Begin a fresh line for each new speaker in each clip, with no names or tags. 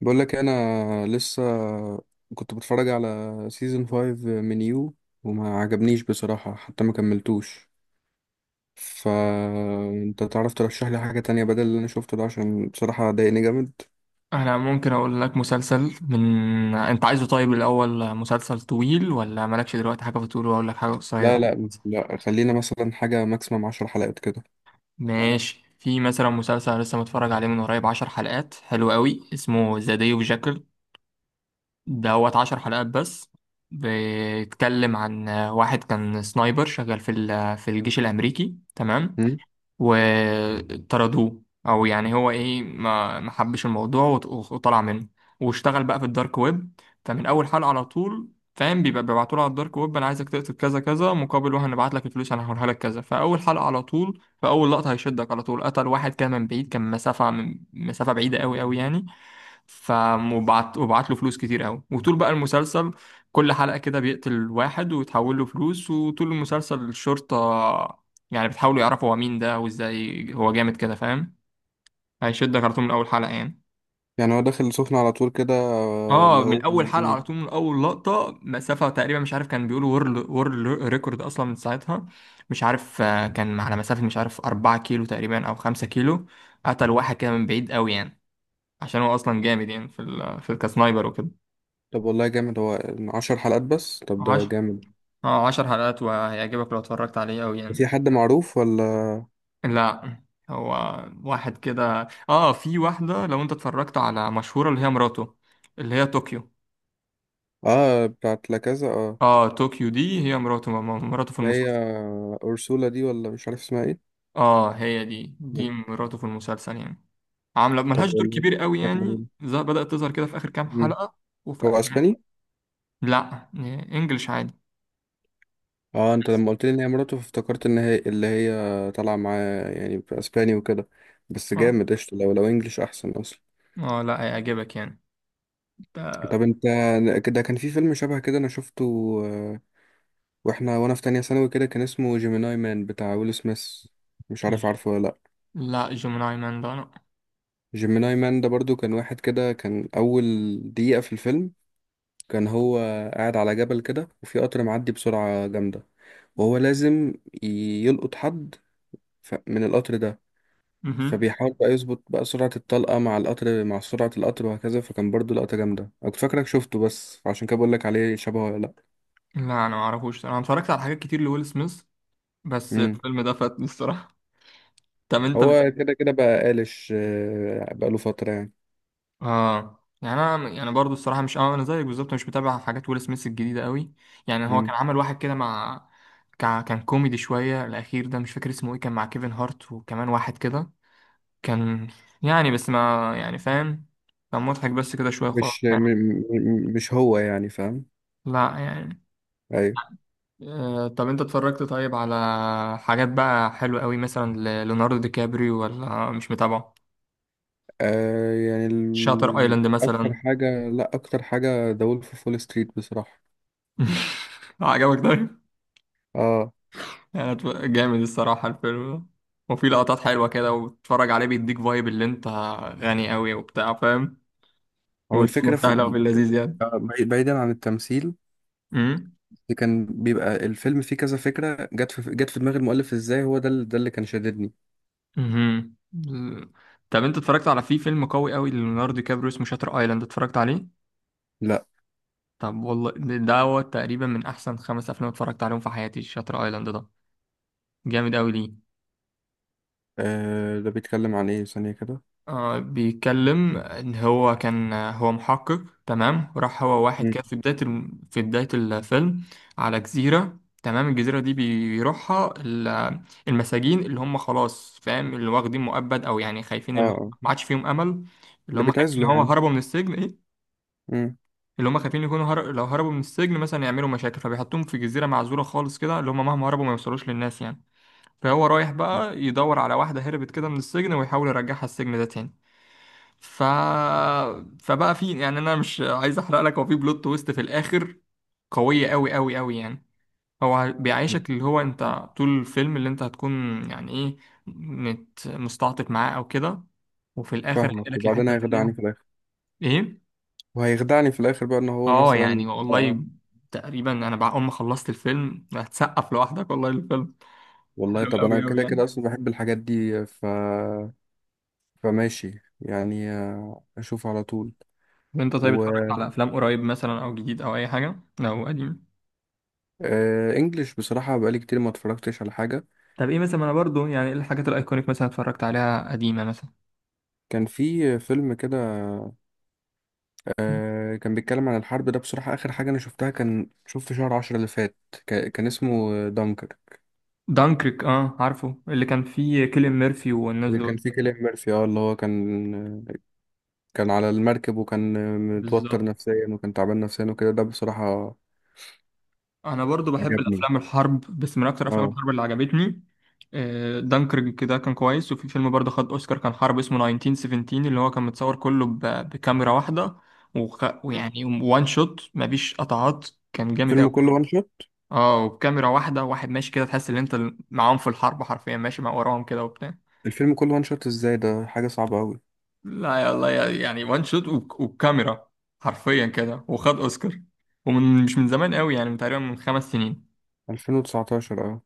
بقول لك انا لسه كنت بتفرج على سيزون 5 من يو، وما عجبنيش بصراحة، حتى ما كملتوش. فانت تعرف ترشح لي حاجة تانية بدل اللي انا شفته ده، عشان بصراحة ضايقني جامد.
انا ممكن اقول لك مسلسل. من انت عايزه؟ طيب الاول، مسلسل طويل ولا مالكش دلوقتي حاجه في الطول واقول لك حاجه
لا
قصيره؟
لا لا خلينا مثلا حاجة ماكسيمم 10 حلقات كده.
ماشي، في مثلا مسلسل لسه متفرج عليه من قريب، 10 حلقات، حلو قوي، اسمه ذا داي اوف جاكل دوت. 10 حلقات بس. بيتكلم عن واحد كان سنايبر شغال في الجيش الامريكي، تمام؟
أمم.
وطردوه، او يعني هو ايه، ما حبش الموضوع وطلع منه واشتغل بقى في الدارك ويب. فمن اول حلقة على طول، فاهم، بيبقى بيبعتوا له على الدارك ويب، انا عايزك تقتل كذا كذا مقابل وهنبعت لك الفلوس، هنحولها لك كذا. فاول حلقة على طول، فاول لقطة هيشدك على طول. قتل واحد كان من بعيد، كان مسافة، من مسافة بعيدة قوي قوي يعني. فمبعت وبعت وبعت له فلوس كتير قوي، وطول بقى المسلسل كل حلقة كده بيقتل واحد ويتحول له فلوس. وطول المسلسل الشرطة يعني بتحاولوا يعرفوا هو مين ده، وازاي هو جامد كده، فاهم؟ هيشدك على طول من اول حلقة يعني.
يعني هو داخل سخن على طول كده؟
اه،
اللي
من
هو.
اول حلقة
أمم.
على طول، من اول لقطة، مسافة تقريبا مش عارف، كان بيقولوا وورلد ريكورد اصلا من ساعتها. مش عارف، آه، كان على مسافة مش عارف 4 كيلو تقريبا او 5 كيلو، قتل واحد كده من بعيد قوي يعني. عشان هو اصلا جامد يعني في ال الكسنايبر وكده.
طب والله جامد هو. 10 حلقات بس؟ طب ده
10،
جامد.
اه، 10 حلقات وهيعجبك لو اتفرجت عليه قوي يعني.
في حد معروف ولا؟
لا، هو واحد كده. اه، في واحدة لو انت اتفرجت على مشهورة، اللي هي مراته، اللي هي طوكيو.
اه بتاعت لا كذا، اه
اه، طوكيو دي هي مراته، مراته في
اللي هي
المسلسل.
أورسولا دي، ولا مش عارف اسمها ايه.
اه، هي دي، مراته في المسلسل يعني. عاملة
طب
ملهاش دور
والله
كبير قوي
فكرة جميلة.
يعني، بدأت تظهر كده في آخر كام
مم.
حلقة. وفي
هو
يعني.
اسباني؟
لا، انجلش عادي.
اه، انت لما قلت لي ان هي مراته، فافتكرت ان هي اللي هي طالعه معاه يعني في اسباني وكده. بس
اه.
جامد قشطه، لو لو انجلش احسن اصلا.
اه، لا هيعجبك يعني. ده-.
طب انت كده كان في فيلم شبه كده انا شفته، آه، وانا في تانية ثانوي كده، كان اسمه جيميناي مان بتاع ويل سميث. مش عارف عارفه ولا لا.
لا، جيميناي مان ده لا.
جيميناي مان ده برضو كان واحد كده، كان اول دقيقة في الفيلم كان هو قاعد على جبل كده، وفي قطر معدي بسرعة جامدة، وهو لازم يلقط حد من القطر ده.
مهم.
فبيحاول بقى يظبط بقى سرعة الطلقة مع القطر، مع سرعة القطر وهكذا. فكان برضو لقطة جامدة، أنا كنت فاكرك شفته، بس عشان كده بقول لك عليه، شبهه ولا لأ؟
لا، انا ما اعرفوش. انا اتفرجت على حاجات كتير لويل سميث بس
مم.
الفيلم ده فاتني الصراحة. طب انت بت...
هو كده كده بقى قالش، بقى له فترة يعني.
اه، يعني انا يعني برضو الصراحه، مش اه، انا زيك بالظبط، مش متابع حاجات ويل سميث الجديده قوي. يعني هو كان
مم.
عمل واحد كده مع. كان كوميدي شويه الاخير ده، مش فاكر اسمه ايه، كان مع كيفن هارت وكمان واحد كده. كان، يعني بس ما يعني، فاهم؟ كان مضحك بس كده شويه خلاص
مش م-
يعني.
م- مش هو يعني، فاهم؟
لا يعني.
أيوة.
آه، طب انت اتفرجت طيب على حاجات بقى حلوه قوي، مثلا ليوناردو دي كابريو، ولا مش متابعه؟
آه يعني
شاتر
ال...
ايلاند
أكتر
مثلا.
حاجة لأ، أكتر حاجة ذا وولف أوف وول ستريت بصراحة.
عجبك ده؟
اه،
يعني جامد الصراحة الفيلم ده. وفي لقطات حلوة كده، وتتفرج عليه بيديك فايب اللي انت غني قوي وبتاع، فاهم؟
هو الفكرة
والدنيا
في
سهلة وفي اللذيذ يعني.
آه، بعيدا عن التمثيل،
امم.
اللي كان بيبقى الفيلم فيه كذا فكرة، جت في دماغ المؤلف ازاي، هو ده ده اللي كان شاددني.
امم. طب انت اتفرجت على، في فيلم قوي قوي ليوناردو دي كابريو اسمه شاتر ايلاند، اتفرجت عليه؟
لا.
طب والله ده، ده هو تقريبا من احسن 5 افلام اتفرجت عليهم في حياتي، شاتر ايلاند ده، جامد قوي. ليه؟
آه ده بيتكلم عن ايه ثانية كده؟
آه، بيتكلم ان هو كان هو محقق، تمام؟ وراح هو واحد
مم.
كده في بداية في بداية الفيلم على جزيرة، تمام؟ الجزيرة دي بيروحها ال- المساجين اللي هم خلاص، فاهم، اللي واخدين مؤبد، او يعني خايفين،
اه
اللي هم
آه.
ما عادش فيهم امل. اللي
اللي
هم خايفين ان
بيتعزله
هو
يعني.
هربوا من السجن ايه.
مم.
اللي هم خايفين يكونوا لو هربوا من السجن مثلا يعملوا مشاكل، فبيحطوهم في جزيرة معزولة خالص كده، اللي هم مهما هربوا ما يوصلوش للناس يعني. فهو رايح بقى يدور على واحدة هربت كده من السجن، ويحاول يرجعها السجن ده تاني. ف. فبقى في يعني، انا مش عايز احرق لك، هو في بلوت تويست في الاخر، قويه قوي قوي قوي يعني. هو بيعيشك اللي هو انت طول الفيلم، اللي انت هتكون يعني ايه، مستعطف معاه او كده، وفي الاخر
فاهمك،
هينقلك
وبعدين
لحته تانية.
هيخدعني في الاخر،
ايه.
وهيخدعني في الاخر بقى ان هو
اه، يعني
مثلا. آه.
والله تقريبا انا بعد ما خلصت الفيلم هتسقف لوحدك، والله الفيلم
والله
حلو
طب انا
قوي قوي
كده
يعني.
كده اصلا بحب الحاجات دي، فماشي يعني، آه، اشوف على طول.
وانت طيب،
و
اتفرجت على افلام قريب مثلا، او جديد، او اي حاجه، او قديم؟
آه، انجلش بصراحة بقالي كتير ما اتفرجتش على حاجة.
طب ايه مثلا، انا برضو يعني، ايه الحاجات الايكونيك مثلا اتفرجت عليها قديمه مثلا؟
كان في فيلم كده، آه، كان بيتكلم عن الحرب. ده بصراحة آخر حاجة أنا شفتها، كان شوف في شهر عشرة اللي فات. كان اسمه دانكر.
دانكريك، اه عارفه، اللي كان فيه كيليان ميرفي والناس
اللي كان
دول.
فيه كيليان ميرفي، اه اللي هو كان، كان على المركب، وكان متوتر
بالظبط.
نفسيا، وكان تعبان نفسيا وكده. ده بصراحة
انا برضو بحب
عجبني،
الافلام الحرب، بس من اكتر افلام
اه.
الحرب اللي عجبتني، آه، دانكريك كده كان كويس. وفي فيلم برضه خد اوسكار، كان حرب، اسمه 1917، اللي هو كان متصور كله بكاميرا واحدة،
مم.
ويعني وان شوت، مفيش قطعات، كان جامد
الفيلم كله
قوي.
وان شوت؟
اه، وبكاميرا واحدة، واحد ماشي كده، تحس ان انت معاهم في الحرب حرفيا، ماشي مع وراهم كده وبتاع.
الفيلم كله وان شوت ازاي؟ ده حاجة صعبة أوي.
لا يا الله، يعني وان شوت والكاميرا حرفيا كده، وخد اوسكار. ومن مش من زمان قوي يعني، من تقريبا من 5 سنين
2019 اه.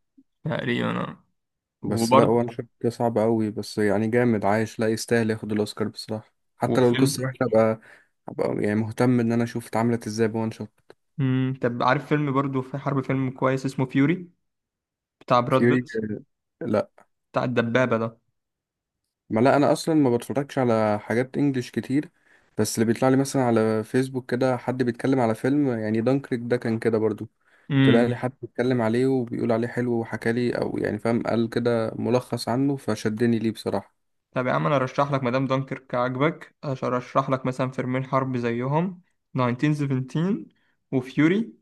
تقريبا، آه.
بس لا،
وبرضه،
وان شوت ده صعب أوي، بس يعني جامد، عايش، لا يستاهل ياخد الأوسكار بصراحة، حتى لو القصة
وفيلم.
وحشة، أبقى أبقى يعني مهتم إن أنا أشوف اتعملت ازاي بوان شوت.
مم. طب عارف فيلم برضه في حرب، فيلم كويس اسمه فيوري، بتاع براد
فيوري؟
بيت،
لا.
بتاع الدبابة ده.
ما لا انا اصلا ما بتفرجش على حاجات انجليش كتير، بس اللي بيطلع لي مثلا على فيسبوك كده، حد بيتكلم على فيلم، يعني دانكريك ده كان كده برضو، طلع
امم.
لي حد بيتكلم عليه وبيقول عليه حلو وحكى لي، او يعني فاهم، قال كده ملخص عنه فشدني ليه بصراحة.
طب يا عم، انا ارشح لك مدام دانكيرك عجبك، ارشح لك مثلا فيلمين حرب زيهم، 1917 وفيوري.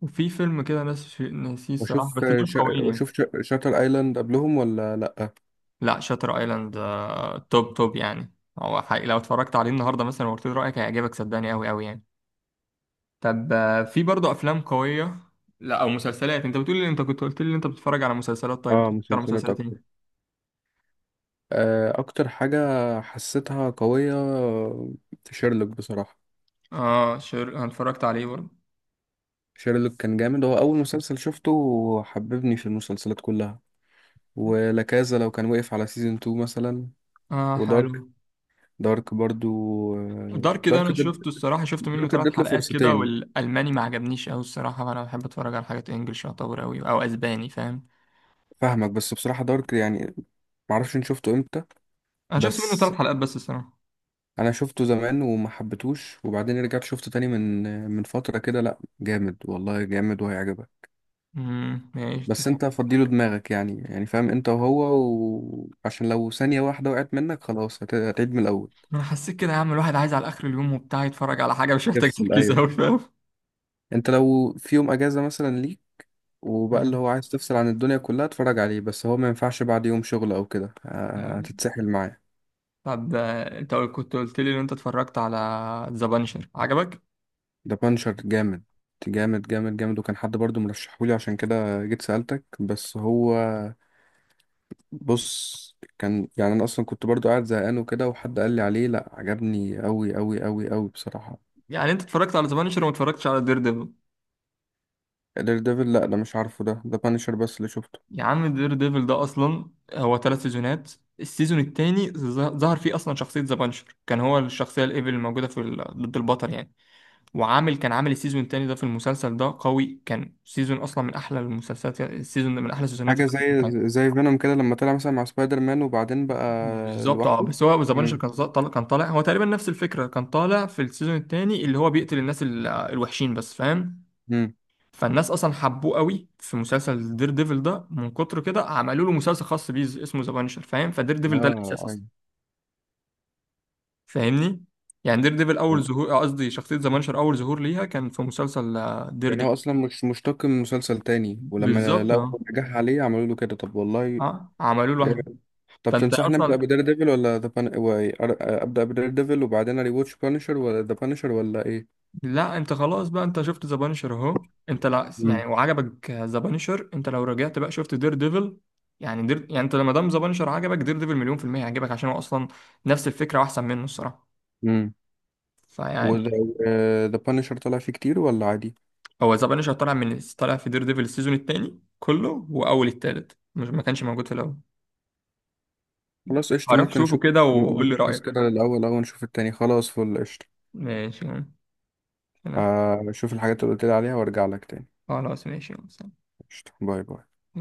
وفي فيلم كده ناس، ناسيه الصراحة، بس
واشوف
دول
شا...
قويين يعني.
واشوف شاتر ايلاند قبلهم ولا لا؟
لا شاتر ايلاند، آه، توب توب يعني، هو حقيقي لو اتفرجت عليه النهارده مثلا وقلت له رايك، هيعجبك صدقني قوي قوي يعني. طب آه، في برضه افلام قويه. لا، او مسلسلات، انت بتقول لي، انت كنت قلت لي انت بتتفرج على مسلسلات، طيب
اه،
بتتفرج على
مسلسلات
مسلسلات ايه؟
اكتر. آه، اكتر حاجة حسيتها قوية شيرلوك بصراحة.
اه، شر. انا اتفرجت عليه برضه.
شيرلوك كان جامد، هو أول مسلسل شفته وحببني في المسلسلات كلها. ولاكازا لو كان وقف على سيزون 2 مثلا.
اه حلو.
ودارك، دارك برضو، آه،
دارك ده
دارك
انا
ادت
شفته الصراحه، شفت منه
دارك
ثلاث
ادت له
حلقات كده،
فرصتين.
والالماني ما عجبنيش قوي الصراحه، فانا بحب اتفرج على حاجات انجلش، يعتبر قوي او اسباني، فاهم.
فاهمك، بس بصراحة دارك يعني، معرفش إن شفته امتى.
انا شفت منه ثلاث
بس
حلقات بس الصراحه.
انا شفته زمان وما حبيتهوش، وبعدين رجعت شفته تاني من من فترة كده. لا جامد والله، جامد وهيعجبك.
امم، ماشي.
بس انت فضيله دماغك يعني، يعني فاهم انت وهو، وعشان لو ثانية واحدة وقعت منك خلاص هتعيد من الاول.
ما انا حسيت كده يا عم، الواحد عايز على اخر اليوم وبتاع يتفرج على حاجه مش محتاج
يفصل،
تركيز
ايوه.
قوي، فاهم؟
انت لو في يوم اجازه مثلا ليك، وبقى اللي هو عايز تفصل عن الدنيا كلها، اتفرج عليه. بس هو ما ينفعش بعد يوم شغل او كده،
أها.
هتتسحل معاه.
طب آه، انت كنت قلت لي ان انت اتفرجت على ذا بانشر، عجبك؟
ده بانشر جامد، جامد جامد جامد وكان حد برضو مرشحهولي، عشان كده جيت سألتك. بس هو، بص كان يعني انا اصلا كنت برضو قاعد زهقان وكده، وحد قال لي عليه، لا عجبني قوي قوي قوي قوي بصراحه.
يعني انت اتفرجت على ذا بانشر وما اتفرجتش على دير ديفل؟
دير ديفل لا ده مش عارفه، ده بانشر بس اللي شفته.
يا عم دير ديفل ده اصلا هو 3 سيزونات. السيزون الثاني ظهر فيه اصلا شخصيه ذا بانشر، كان هو الشخصيه الايفل الموجوده ضد البطل يعني. وعامل، كان عامل السيزون الثاني ده في المسلسل ده قوي، كان سيزون اصلا من احلى المسلسلات، السيزون ده من احلى السيزونات.
حاجة زي، زي فينوم كده لما طلع مثلا مع سبايدر مان، وبعدين بقى
بالظبط. اه،
لوحده.
بس هو زبانشر
امم.
كان طالع، كان طالع هو تقريبا نفس الفكره، كان طالع في السيزون الثاني اللي هو بيقتل الناس ال- الوحشين بس، فاهم.
امم.
فالناس اصلا حبوه قوي في مسلسل دير ديفل ده، من كتر كده عملوا له مسلسل خاص بيه، اسمه زبانشر، فاهم؟ فدير ديفل ده الاساس
اه
اصلا،
ايوه.
فاهمني؟ يعني دير ديفل اول
يعني
ظهور، آه، قصدي شخصيه زبانشر اول ظهور ليها كان في مسلسل، آه، دير
يعني
ديفل.
هو اصلا مش مشتق من مسلسل تاني، ولما
بالظبط. اه.
لقوا نجاح عليه عملوا له كده؟ طب والله
اه، عملوا له واحد.
جامد. طب
فانت
تنصحني ابدا
اصلا.
بدير ديفل ولا ذا ابدا بدير ديفل وبعدين اري واتش بانشر، ولا ذا بانشر، ولا ايه؟
لا، انت خلاص بقى، انت شفت ذا بانشر اهو، انت لا يعني
امم.
وعجبك ذا بانشر، انت لو رجعت بقى شفت دير ديفل. يعني دير، يعني انت لما دام ذا بانشر عجبك، دير ديفل مليون في المية هيعجبك، عشان هو اصلا نفس الفكرة واحسن منه الصراحة.
امم.
فيعني.
وذا بانشر طلع فيه كتير ولا عادي؟
هو ذا بانشر طالع من، طالع في دير ديفل السيزون التاني كله واول التالت، مش ما كانش موجود في الاول.
خلاص قشطة،
هروح
ممكن
شوفه
نشوف.
كده
م-
وقول لي
ملخص
رأيك.
كده الأول، أول نشوف التاني، خلاص فل قشطة.
ماشي. تمام.
آه، شوف الحاجات اللي قلت لي عليها وارجع لك تاني.
خلاص ماشي، سلام.
قشطة. باي باي.